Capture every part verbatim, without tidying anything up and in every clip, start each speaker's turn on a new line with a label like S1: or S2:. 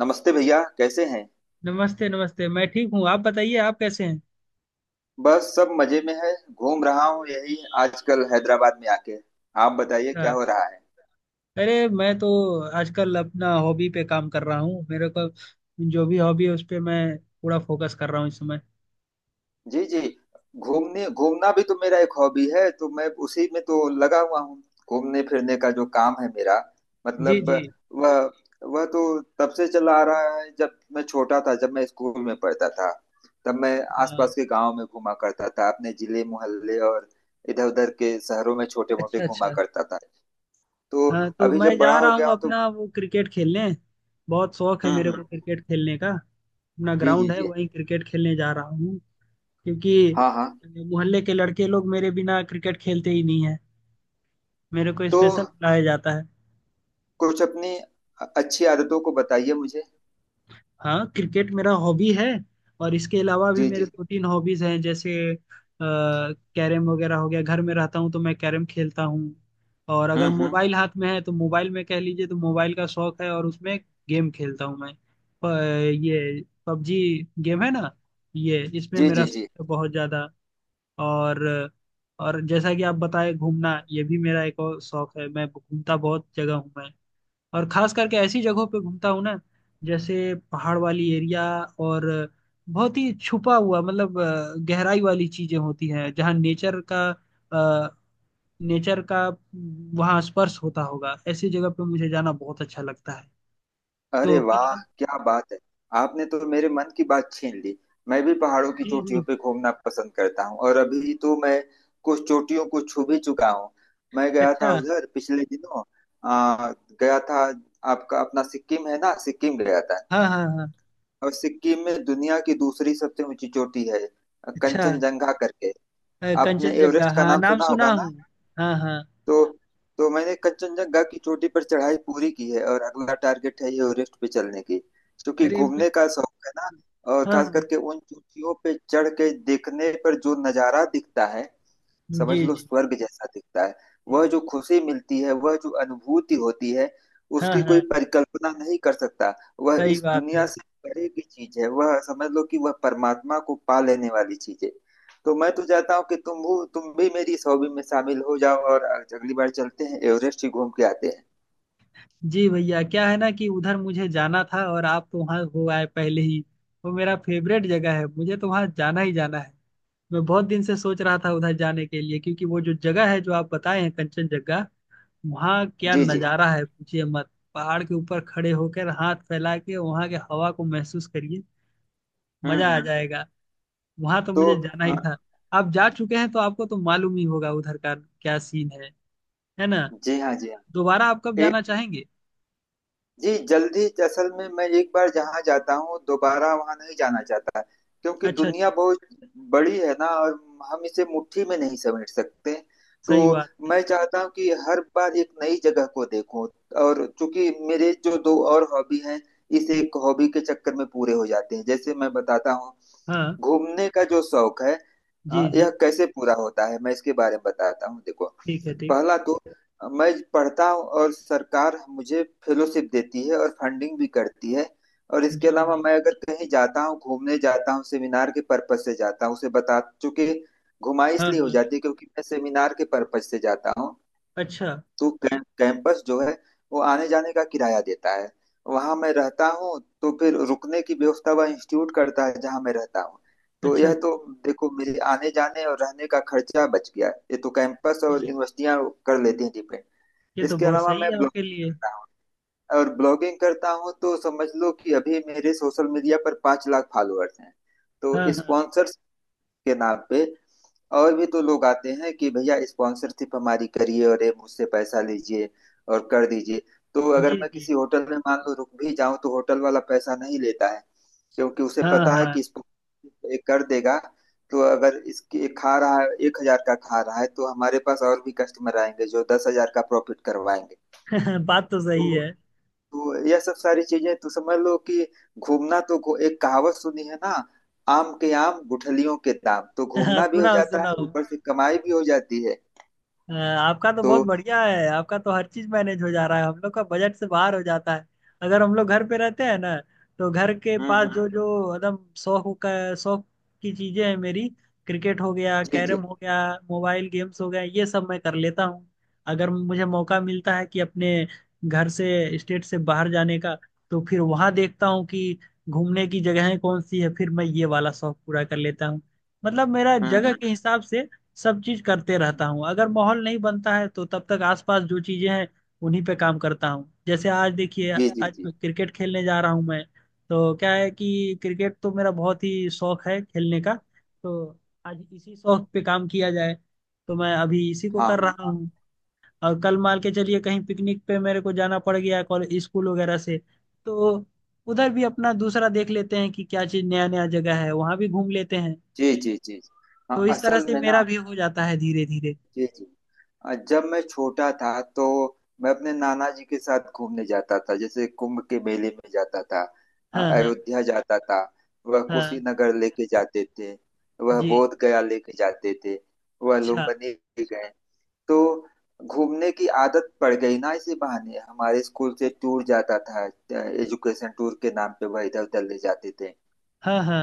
S1: नमस्ते भैया, कैसे हैं?
S2: नमस्ते नमस्ते, मैं ठीक हूँ। आप बताइए, आप कैसे हैं?
S1: बस सब मजे में है, घूम रहा हूँ यही आजकल, हैदराबाद में आके। आप बताइए, क्या
S2: अच्छा।
S1: हो रहा है?
S2: अरे, मैं तो आजकल अपना हॉबी पे काम कर रहा हूँ। मेरे को जो भी हॉबी है उस पे मैं पूरा फोकस कर रहा हूँ इस समय।
S1: जी जी। घूमने घूमना भी तो मेरा एक हॉबी है, तो मैं उसी में तो लगा हुआ हूँ। घूमने फिरने का जो काम है मेरा,
S2: जी
S1: मतलब
S2: जी।
S1: वह वह तो तब से चला आ रहा है, जब मैं छोटा था, जब मैं स्कूल में पढ़ता था। तब मैं
S2: हाँ।
S1: आसपास के गांव में घूमा करता था, अपने जिले, मोहल्ले, और इधर उधर के शहरों में छोटे मोटे
S2: अच्छा
S1: घूमा
S2: अच्छा।
S1: करता था। तो
S2: हाँ तो
S1: अभी
S2: मैं
S1: जब बड़ा
S2: जा
S1: हो
S2: रहा
S1: गया
S2: हूँ
S1: हूँ तो
S2: अपना वो क्रिकेट खेलने। बहुत शौक है
S1: हम्म
S2: मेरे
S1: हम्म।
S2: को क्रिकेट खेलने का। अपना
S1: जी जी
S2: ग्राउंड है,
S1: जी।
S2: वहीं क्रिकेट खेलने जा रहा हूँ। क्योंकि
S1: हाँ हाँ।
S2: मोहल्ले के लड़के लोग मेरे बिना क्रिकेट खेलते ही नहीं है। मेरे को
S1: तो
S2: स्पेशल बुलाया जाता है।
S1: कुछ अपनी अ- अच्छी आदतों को बताइए मुझे।
S2: हाँ, क्रिकेट मेरा हॉबी है। और इसके अलावा भी
S1: जी
S2: मेरे
S1: जी।
S2: दो तीन हॉबीज हैं, जैसे कैरम वगैरह हो गया। घर में रहता हूँ तो मैं कैरम खेलता हूँ। और अगर
S1: हम्म हम्म।
S2: मोबाइल हाथ में है तो मोबाइल में, कह लीजिए तो मोबाइल का शौक है, और उसमें गेम खेलता हूँ मैं। प, ये पबजी गेम है ना, ये इसमें
S1: जी
S2: मेरा
S1: जी जी।
S2: शौक है बहुत ज्यादा। और और जैसा कि आप बताए, घूमना ये भी मेरा एक और शौक है। मैं घूमता बहुत जगह हूँ मैं। और खास करके ऐसी जगहों पे घूमता हूँ ना, जैसे पहाड़ वाली एरिया। और बहुत ही छुपा हुआ मतलब अ, गहराई वाली चीजें होती हैं, जहाँ नेचर का अ, नेचर का अम, वहाँ स्पर्श होता होगा, ऐसी जगह पे मुझे जाना बहुत अच्छा लगता है।
S1: अरे
S2: तो
S1: वाह,
S2: फिलहाल।
S1: क्या बात है! आपने तो मेरे मन की बात छीन ली। मैं भी पहाड़ों की
S2: जी
S1: चोटियों
S2: जी।
S1: पे घूमना पसंद करता हूँ, और अभी तो मैं कुछ चोटियों को छू भी चुका हूँ। मैं गया था
S2: अच्छा।
S1: उधर पिछले दिनों। आ, गया था। आपका अपना सिक्किम है ना, सिक्किम गया था।
S2: हाँ हाँ हाँ।
S1: और सिक्किम में दुनिया की दूसरी सबसे ऊंची चोटी है,
S2: अच्छा।
S1: कंचनजंगा करके।
S2: अ,
S1: आपने
S2: कंचनजंगा,
S1: एवरेस्ट का
S2: हाँ
S1: नाम
S2: नाम
S1: सुना होगा
S2: सुना
S1: ना?
S2: हूँ। हाँ हाँ।
S1: तो तो मैंने कंचनजंगा की चोटी पर चढ़ाई पूरी की है, और अगला टारगेट है एवरेस्ट पे चलने की। क्योंकि
S2: अरे ब-।
S1: घूमने का शौक है ना। और
S2: हाँ
S1: खास
S2: हाँ।
S1: करके उन चोटियों पे चढ़ के देखने पर जो नजारा दिखता है, समझ
S2: जी
S1: लो
S2: जी
S1: स्वर्ग जैसा दिखता है। वह
S2: जी,
S1: जो खुशी मिलती है, वह जो अनुभूति होती है,
S2: हाँ
S1: उसकी कोई
S2: हाँ।
S1: परिकल्पना नहीं कर सकता। वह
S2: सही
S1: इस
S2: बात है।
S1: दुनिया से परे की चीज है। वह समझ लो कि वह परमात्मा को पा लेने वाली चीज है। तो मैं तो चाहता हूँ कि तुम हो तुम भी मेरी इस हॉबी में शामिल हो जाओ, और अगली बार चलते हैं, एवरेस्ट ही घूम के आते हैं।
S2: जी भैया, क्या है ना कि उधर मुझे जाना था और आप तो वहाँ हो आए पहले ही। वो मेरा फेवरेट जगह है, मुझे तो वहाँ जाना ही जाना है। मैं बहुत दिन से सोच रहा था उधर जाने के लिए, क्योंकि वो जो जगह है जो आप बताए हैं, कंचनजंगा। वहाँ क्या
S1: जी जी।
S2: नज़ारा है, पूछिए मत। पहाड़ के ऊपर खड़े होकर हाथ फैला के वहाँ के हवा को महसूस करिए,
S1: हम्म
S2: मजा आ
S1: हम्म।
S2: जाएगा। वहाँ तो
S1: तो
S2: मुझे जाना
S1: अ,
S2: ही था। आप जा चुके हैं तो आपको तो मालूम ही होगा उधर का क्या सीन है है ना?
S1: जी हाँ जी हाँ।
S2: दोबारा आप कब
S1: एक,
S2: जाना चाहेंगे?
S1: जी जल्दी, असल में मैं एक बार जहाँ जाता हूँ दोबारा वहाँ नहीं जाना चाहता, क्योंकि
S2: अच्छा अच्छा।
S1: दुनिया बहुत बड़ी है ना, और हम इसे मुट्ठी में नहीं समेट सकते। तो
S2: सही बात है।
S1: मैं चाहता हूँ कि हर बार एक नई जगह को देखूं। और चूंकि मेरे जो दो और हॉबी हैं, इस एक हॉबी के चक्कर में पूरे हो जाते हैं। जैसे मैं बताता हूँ,
S2: हाँ।
S1: घूमने का जो शौक है,
S2: जी
S1: अ, यह
S2: जी।
S1: कैसे पूरा होता है, मैं इसके बारे में बताता हूँ, देखो।
S2: ठीक है ठीक।
S1: पहला तो अ, मैं पढ़ता हूँ, और सरकार मुझे फेलोशिप देती है और फंडिंग भी करती है। और इसके
S2: जी
S1: अलावा
S2: जी।
S1: मैं अगर कहीं जाता हूँ, घूमने जाता हूँ, सेमिनार के पर्पज से जाता हूँ, उसे बता चूंकि घुमाई
S2: हाँ
S1: इसलिए हो
S2: हाँ।
S1: जाती है क्योंकि मैं सेमिनार के पर्पज से जाता हूँ।
S2: अच्छा
S1: तो कैं- कैंपस जो है वो आने जाने का किराया देता है। वहां मैं रहता हूँ तो फिर रुकने की व्यवस्था वह इंस्टीट्यूट करता है जहां मैं रहता हूँ। तो
S2: अच्छा।
S1: यह तो देखो, मेरे आने जाने और रहने का खर्चा बच गया, ये तो कैंपस और
S2: जी।
S1: यूनिवर्सिटियां कर लेती हैं डिपेंड।
S2: ये तो
S1: इसके
S2: बहुत
S1: अलावा
S2: सही
S1: मैं
S2: है आपके
S1: ब्लॉगिंग
S2: लिए।
S1: करता हूँ। और ब्लॉगिंग करता हूँ तो समझ लो कि अभी मेरे सोशल मीडिया पर पाँच लाख फॉलोअर्स हैं।
S2: हाँ
S1: तो
S2: हाँ।
S1: स्पॉन्सर्स के नाम पे और भी तो लोग आते हैं कि भैया, स्पॉन्सरशिप हमारी करिए, और ये मुझसे पैसा लीजिए और कर दीजिए। तो अगर
S2: जी
S1: मैं
S2: जी।
S1: किसी होटल में मान लो रुक भी जाऊं तो होटल वाला पैसा नहीं लेता है, क्योंकि उसे
S2: हाँ
S1: पता है
S2: हाँ।
S1: कि स्पॉन्सरशिप ये कर देगा। तो अगर इसके ये खा रहा है, एक हजार का खा रहा है, तो हमारे पास और भी कस्टमर आएंगे जो दस हजार का प्रॉफिट करवाएंगे।
S2: बात तो सही
S1: तो
S2: है।
S1: तो यह सब सारी चीजें, तो समझ लो कि घूमना तो घू- एक कहावत सुनी है ना, आम के आम गुठलियों के दाम, तो घूमना भी हो
S2: सुनाओ
S1: जाता है
S2: सुनाओ।
S1: ऊपर से कमाई भी हो जाती है।
S2: अ, आपका तो
S1: तो
S2: बहुत बढ़िया है, आपका तो हर चीज मैनेज हो जा रहा है। हम लोग का बजट से बाहर हो जाता है। अगर हम लोग घर पे रहते हैं ना, तो घर के
S1: हम्म
S2: पास
S1: हम्म।
S2: जो जो एकदम शौक का शौक की चीजें हैं मेरी, क्रिकेट हो गया,
S1: जी जी।
S2: कैरम हो गया, मोबाइल गेम्स हो गया, ये सब मैं कर लेता हूँ। अगर मुझे मौका मिलता है कि अपने घर से, स्टेट से बाहर जाने का, तो फिर वहां देखता हूँ कि घूमने की जगहें कौन सी है, फिर मैं ये वाला शौक पूरा कर लेता हूँ। मतलब मेरा
S1: हम्म
S2: जगह
S1: हम्म।
S2: के हिसाब से सब चीज करते रहता हूँ। अगर माहौल नहीं बनता है तो तब तक आसपास जो चीजें हैं उन्हीं पे काम करता हूँ। जैसे आज देखिए,
S1: जी जी
S2: आज
S1: जी।
S2: मैं क्रिकेट खेलने जा रहा हूँ मैं। तो क्या है कि क्रिकेट तो मेरा बहुत ही शौक है खेलने का। तो आज इसी शौक पे काम किया जाए, तो मैं अभी इसी को
S1: हाँ हाँ
S2: कर रहा
S1: हाँ।
S2: हूँ। और कल मान के चलिए कहीं पिकनिक पे मेरे को जाना पड़ गया कॉलेज स्कूल वगैरह से, तो उधर भी अपना दूसरा देख लेते हैं कि क्या चीज नया नया जगह है, वहां भी घूम लेते हैं।
S1: जी जी जी। हाँ,
S2: तो इस तरह
S1: असल
S2: से
S1: में
S2: मेरा
S1: ना,
S2: भी हो जाता है धीरे धीरे।
S1: जी जी, अ, जब मैं छोटा था तो मैं अपने नाना जी के साथ घूमने जाता था। जैसे कुंभ के मेले में जाता था, अ,
S2: हाँ हाँ
S1: अयोध्या जाता था, वह
S2: हाँ।
S1: कुशीनगर लेके जाते थे, वह
S2: जी।
S1: बोध गया लेके जाते थे, वह
S2: अच्छा।
S1: लुम्बिनी गए। तो घूमने की आदत पड़ गई ना, इसी बहाने हमारे स्कूल से टूर जाता था। एजुकेशन टूर के नाम पे वह इधर उधर ले जाते थे।
S2: हाँ हाँ।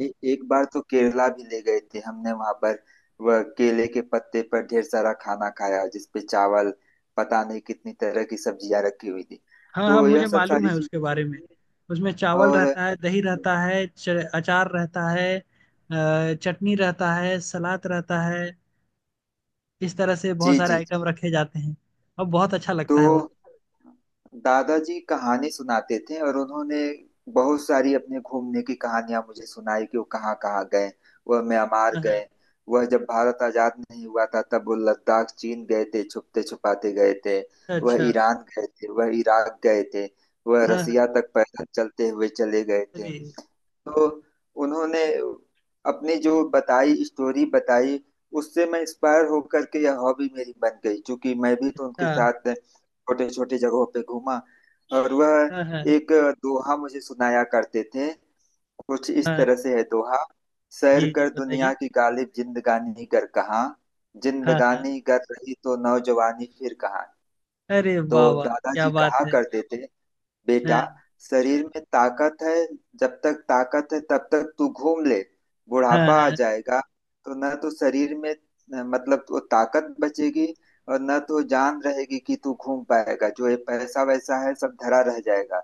S1: ए, एक बार तो केरला भी ले गए थे हमने, वहां पर वह केले के पत्ते पर ढेर सारा खाना खाया जिसपे चावल, पता नहीं कितनी तरह की सब्जियां रखी हुई थी।
S2: हाँ हाँ,
S1: तो यह
S2: मुझे
S1: सब
S2: मालूम
S1: सारी
S2: है उसके
S1: चीजें तो
S2: बारे में।
S1: थी।
S2: उसमें चावल
S1: और
S2: रहता है, दही रहता है, च, अचार रहता है, अ, चटनी रहता है, सलाद रहता है। इस तरह से बहुत
S1: जी
S2: सारे
S1: जी जी।
S2: आइटम रखे जाते हैं। और बहुत अच्छा
S1: तो
S2: लगता है वो।
S1: दादाजी कहानी सुनाते थे, और उन्होंने बहुत सारी अपने घूमने की कहानियां मुझे सुनाई कि वो कहाँ कहाँ गए। वह म्यांमार
S2: हाँ हाँ।
S1: गए, वह जब भारत आजाद नहीं हुआ था तब वो लद्दाख, चीन गए थे, छुपते छुपाते गए थे,
S2: अच्छा
S1: वह
S2: अच्छा।
S1: ईरान गए थे, वह इराक गए थे, वह
S2: हाँ
S1: रसिया
S2: हाँ।
S1: तक पैदल चलते हुए चले गए थे।
S2: चलिए।
S1: तो उन्होंने अपनी जो बताई स्टोरी बताई, उससे मैं इंस्पायर होकर के यह हॉबी मेरी बन गई, क्योंकि मैं भी तो उनके
S2: अच्छा।
S1: साथ छोटे छोटे जगहों पे घूमा। और वह
S2: हाँ हाँ।
S1: एक दोहा मुझे सुनाया करते थे, कुछ इस
S2: हाँ।
S1: तरह से है दोहा: सैर
S2: जी जी
S1: कर
S2: बताइए।
S1: दुनिया की गालिब, जिंदगानी कर कहाँ,
S2: हाँ हाँ।
S1: जिंदगानी कर रही तो नौजवानी फिर कहाँ।
S2: अरे
S1: तो
S2: वाह वाह, क्या
S1: दादाजी
S2: बात
S1: कहा
S2: है।
S1: करते थे, बेटा,
S2: हाँ
S1: शरीर में ताकत है, जब तक ताकत है तब तक तू घूम ले।
S2: हाँ
S1: बुढ़ापा आ
S2: हाँ।
S1: जाएगा, तो न तो शरीर में अ, मतलब वो ताकत बचेगी, और न तो जान रहेगी कि तू घूम पाएगा, जो ये पैसा वैसा है सब धरा रह जाएगा।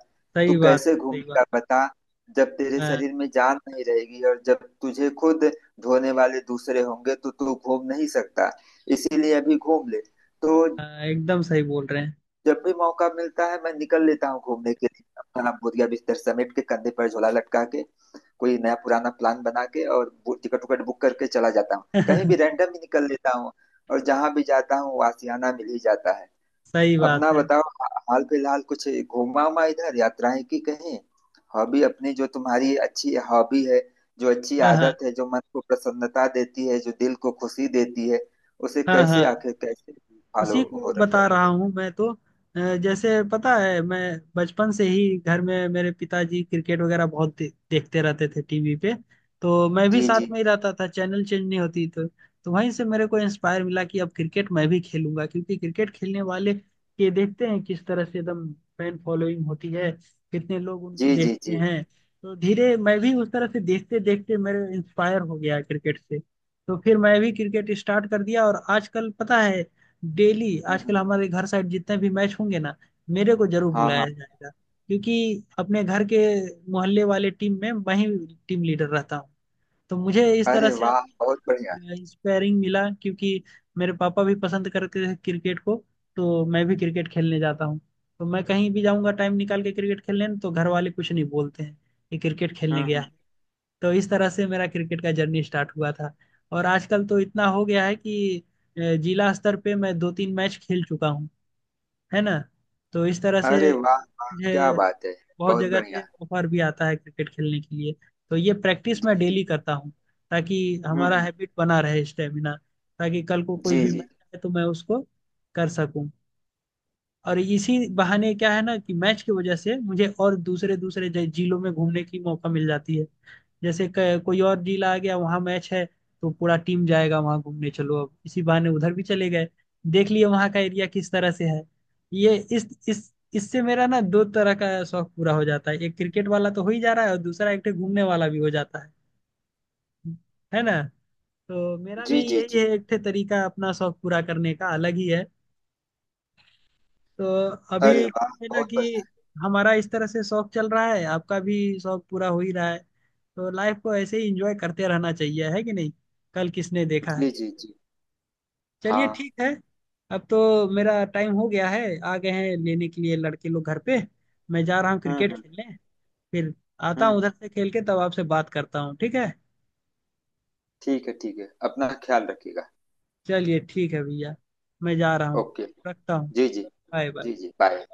S1: तू
S2: सही बात
S1: कैसे
S2: है, सही बात।
S1: घूमेगा बता? जब तेरे
S2: हाँ
S1: शरीर में जान नहीं रहेगी और जब तुझे खुद धोने वाले दूसरे होंगे, तो तू घूम नहीं सकता। इसीलिए अभी घूम ले। तो
S2: हाँ, एकदम सही बोल रहे
S1: जब भी मौका मिलता है मैं निकल लेता हूँ घूमने के लिए, अपना बोरिया बिस्तर समेट के, कंधे पर झोला लटका के, कोई नया पुराना प्लान बना के, और बु- टिकट उकट बुक करके चला जाता हूँ, कहीं
S2: हैं।
S1: भी रैंडम ही निकल लेता हूँ। और जहां भी जाता हूँ वो आशियाना मिल ही जाता है।
S2: सही
S1: अपना
S2: बात है।
S1: बताओ, हा- हाल फिलहाल कुछ घूमा उमा, इधर यात्राएं की कहीं? हॉबी अपनी, जो तुम्हारी अच्छी हॉबी है, जो अच्छी
S2: हाँ,
S1: आदत
S2: हाँ।
S1: है, जो मन को प्रसन्नता देती है, जो दिल को खुशी देती है, उसे
S2: हाँ,
S1: कैसे,
S2: हाँ।
S1: आखिर कैसे फॉलो
S2: उसी
S1: हो
S2: को
S1: रखा
S2: बता रहा
S1: है?
S2: हूँ मैं तो। अ, जैसे पता है, मैं बचपन से ही घर में मेरे पिताजी क्रिकेट वगैरह बहुत दे, देखते रहते थे टीवी पे। तो मैं भी
S1: जी
S2: साथ
S1: जी।
S2: में ही रहता था, चैनल चेंज नहीं होती तो। तो वहीं से मेरे को इंस्पायर मिला कि अब क्रिकेट मैं भी खेलूंगा। क्योंकि क्रिकेट खेलने वाले के देखते हैं किस तरह से एकदम फैन फॉलोइंग होती है, कितने लोग उनको
S1: जी जी
S2: देखते
S1: जी।
S2: हैं। तो धीरे मैं भी उस तरह से देखते देखते मेरे इंस्पायर हो गया क्रिकेट से। तो फिर मैं भी क्रिकेट स्टार्ट कर दिया। और आजकल पता है, डेली
S1: हम्म
S2: आजकल
S1: हम्म।
S2: हमारे घर साइड जितने भी मैच होंगे ना, मेरे को जरूर
S1: हाँ
S2: बुलाया
S1: हाँ।
S2: जाएगा। क्योंकि अपने घर के मोहल्ले वाले टीम में मैं ही टीम लीडर रहता हूँ। तो मुझे इस तरह
S1: अरे
S2: से
S1: वाह, बहुत बढ़िया!
S2: इंस्पायरिंग मिला, क्योंकि मेरे पापा भी पसंद करते थे क्रिकेट को, तो मैं भी क्रिकेट खेलने जाता हूँ। तो मैं कहीं भी जाऊंगा टाइम निकाल के क्रिकेट खेलने, तो घर वाले कुछ नहीं बोलते हैं कि क्रिकेट खेलने
S1: हम्म
S2: गया
S1: हम्म।
S2: है। तो इस तरह से मेरा क्रिकेट का जर्नी स्टार्ट हुआ था। और आजकल तो इतना हो गया है कि अ, जिला स्तर पे मैं दो तीन मैच खेल चुका हूँ, है ना। तो इस तरह
S1: अरे
S2: से
S1: वाह वाह, क्या
S2: मुझे
S1: बात है!
S2: बहुत
S1: बहुत
S2: जगह से
S1: बढ़िया।
S2: ऑफर भी आता है क्रिकेट खेलने के लिए। तो ये प्रैक्टिस मैं
S1: जी जी।
S2: डेली करता हूँ, ताकि
S1: हम्म
S2: हमारा
S1: हम्म।
S2: हैबिट बना रहे, स्टेमिना, ताकि कल को कोई
S1: जी
S2: भी
S1: जी
S2: मैच आए तो मैं उसको कर सकूं। और इसी बहाने क्या है ना कि मैच की वजह से मुझे और दूसरे दूसरे ज- जिलों में घूमने की मौका मिल जाती है। जैसे क- कोई और जिला आ गया, वहां मैच है, तो पूरा टीम जाएगा, वहां घूमने चलो, अब इसी बहाने उधर भी चले गए, देख लिए वहां का एरिया किस तरह से है। ये इस इस इससे मेरा ना दो तरह का शौक पूरा हो जाता है। एक क्रिकेट वाला तो हो ही जा रहा है, और दूसरा एक ठे घूमने वाला भी हो जाता है है ना। तो मेरा भी
S1: जी। जी
S2: यही
S1: जी।
S2: है, एक ठे तरीका अपना शौक पूरा करने का अलग ही है। तो अभी
S1: अरे वाह,
S2: क्या है ना
S1: बहुत
S2: कि हमारा इस तरह से शौक चल रहा है, आपका भी शौक पूरा हो ही रहा है। तो लाइफ को ऐसे ही इंजॉय करते रहना चाहिए, है कि नहीं? कल किसने देखा है।
S1: बढ़िया! जी जी जी।
S2: चलिए
S1: हाँ।
S2: ठीक है। अब तो मेरा टाइम हो गया है, आ गए हैं लेने के लिए लड़के लोग घर पे। मैं जा रहा हूँ
S1: हम्म
S2: क्रिकेट
S1: हम्म।
S2: खेलने। फिर आता हूँ
S1: हम्म।
S2: उधर से खेल के, तब आपसे बात करता हूँ, ठीक है?
S1: ठीक है ठीक है, अपना ख्याल रखिएगा।
S2: चलिए ठीक है भैया, मैं जा रहा हूँ।
S1: ओके।
S2: रखता हूँ।
S1: जी जी।
S2: बाय
S1: जी
S2: बाय।
S1: जी बाय।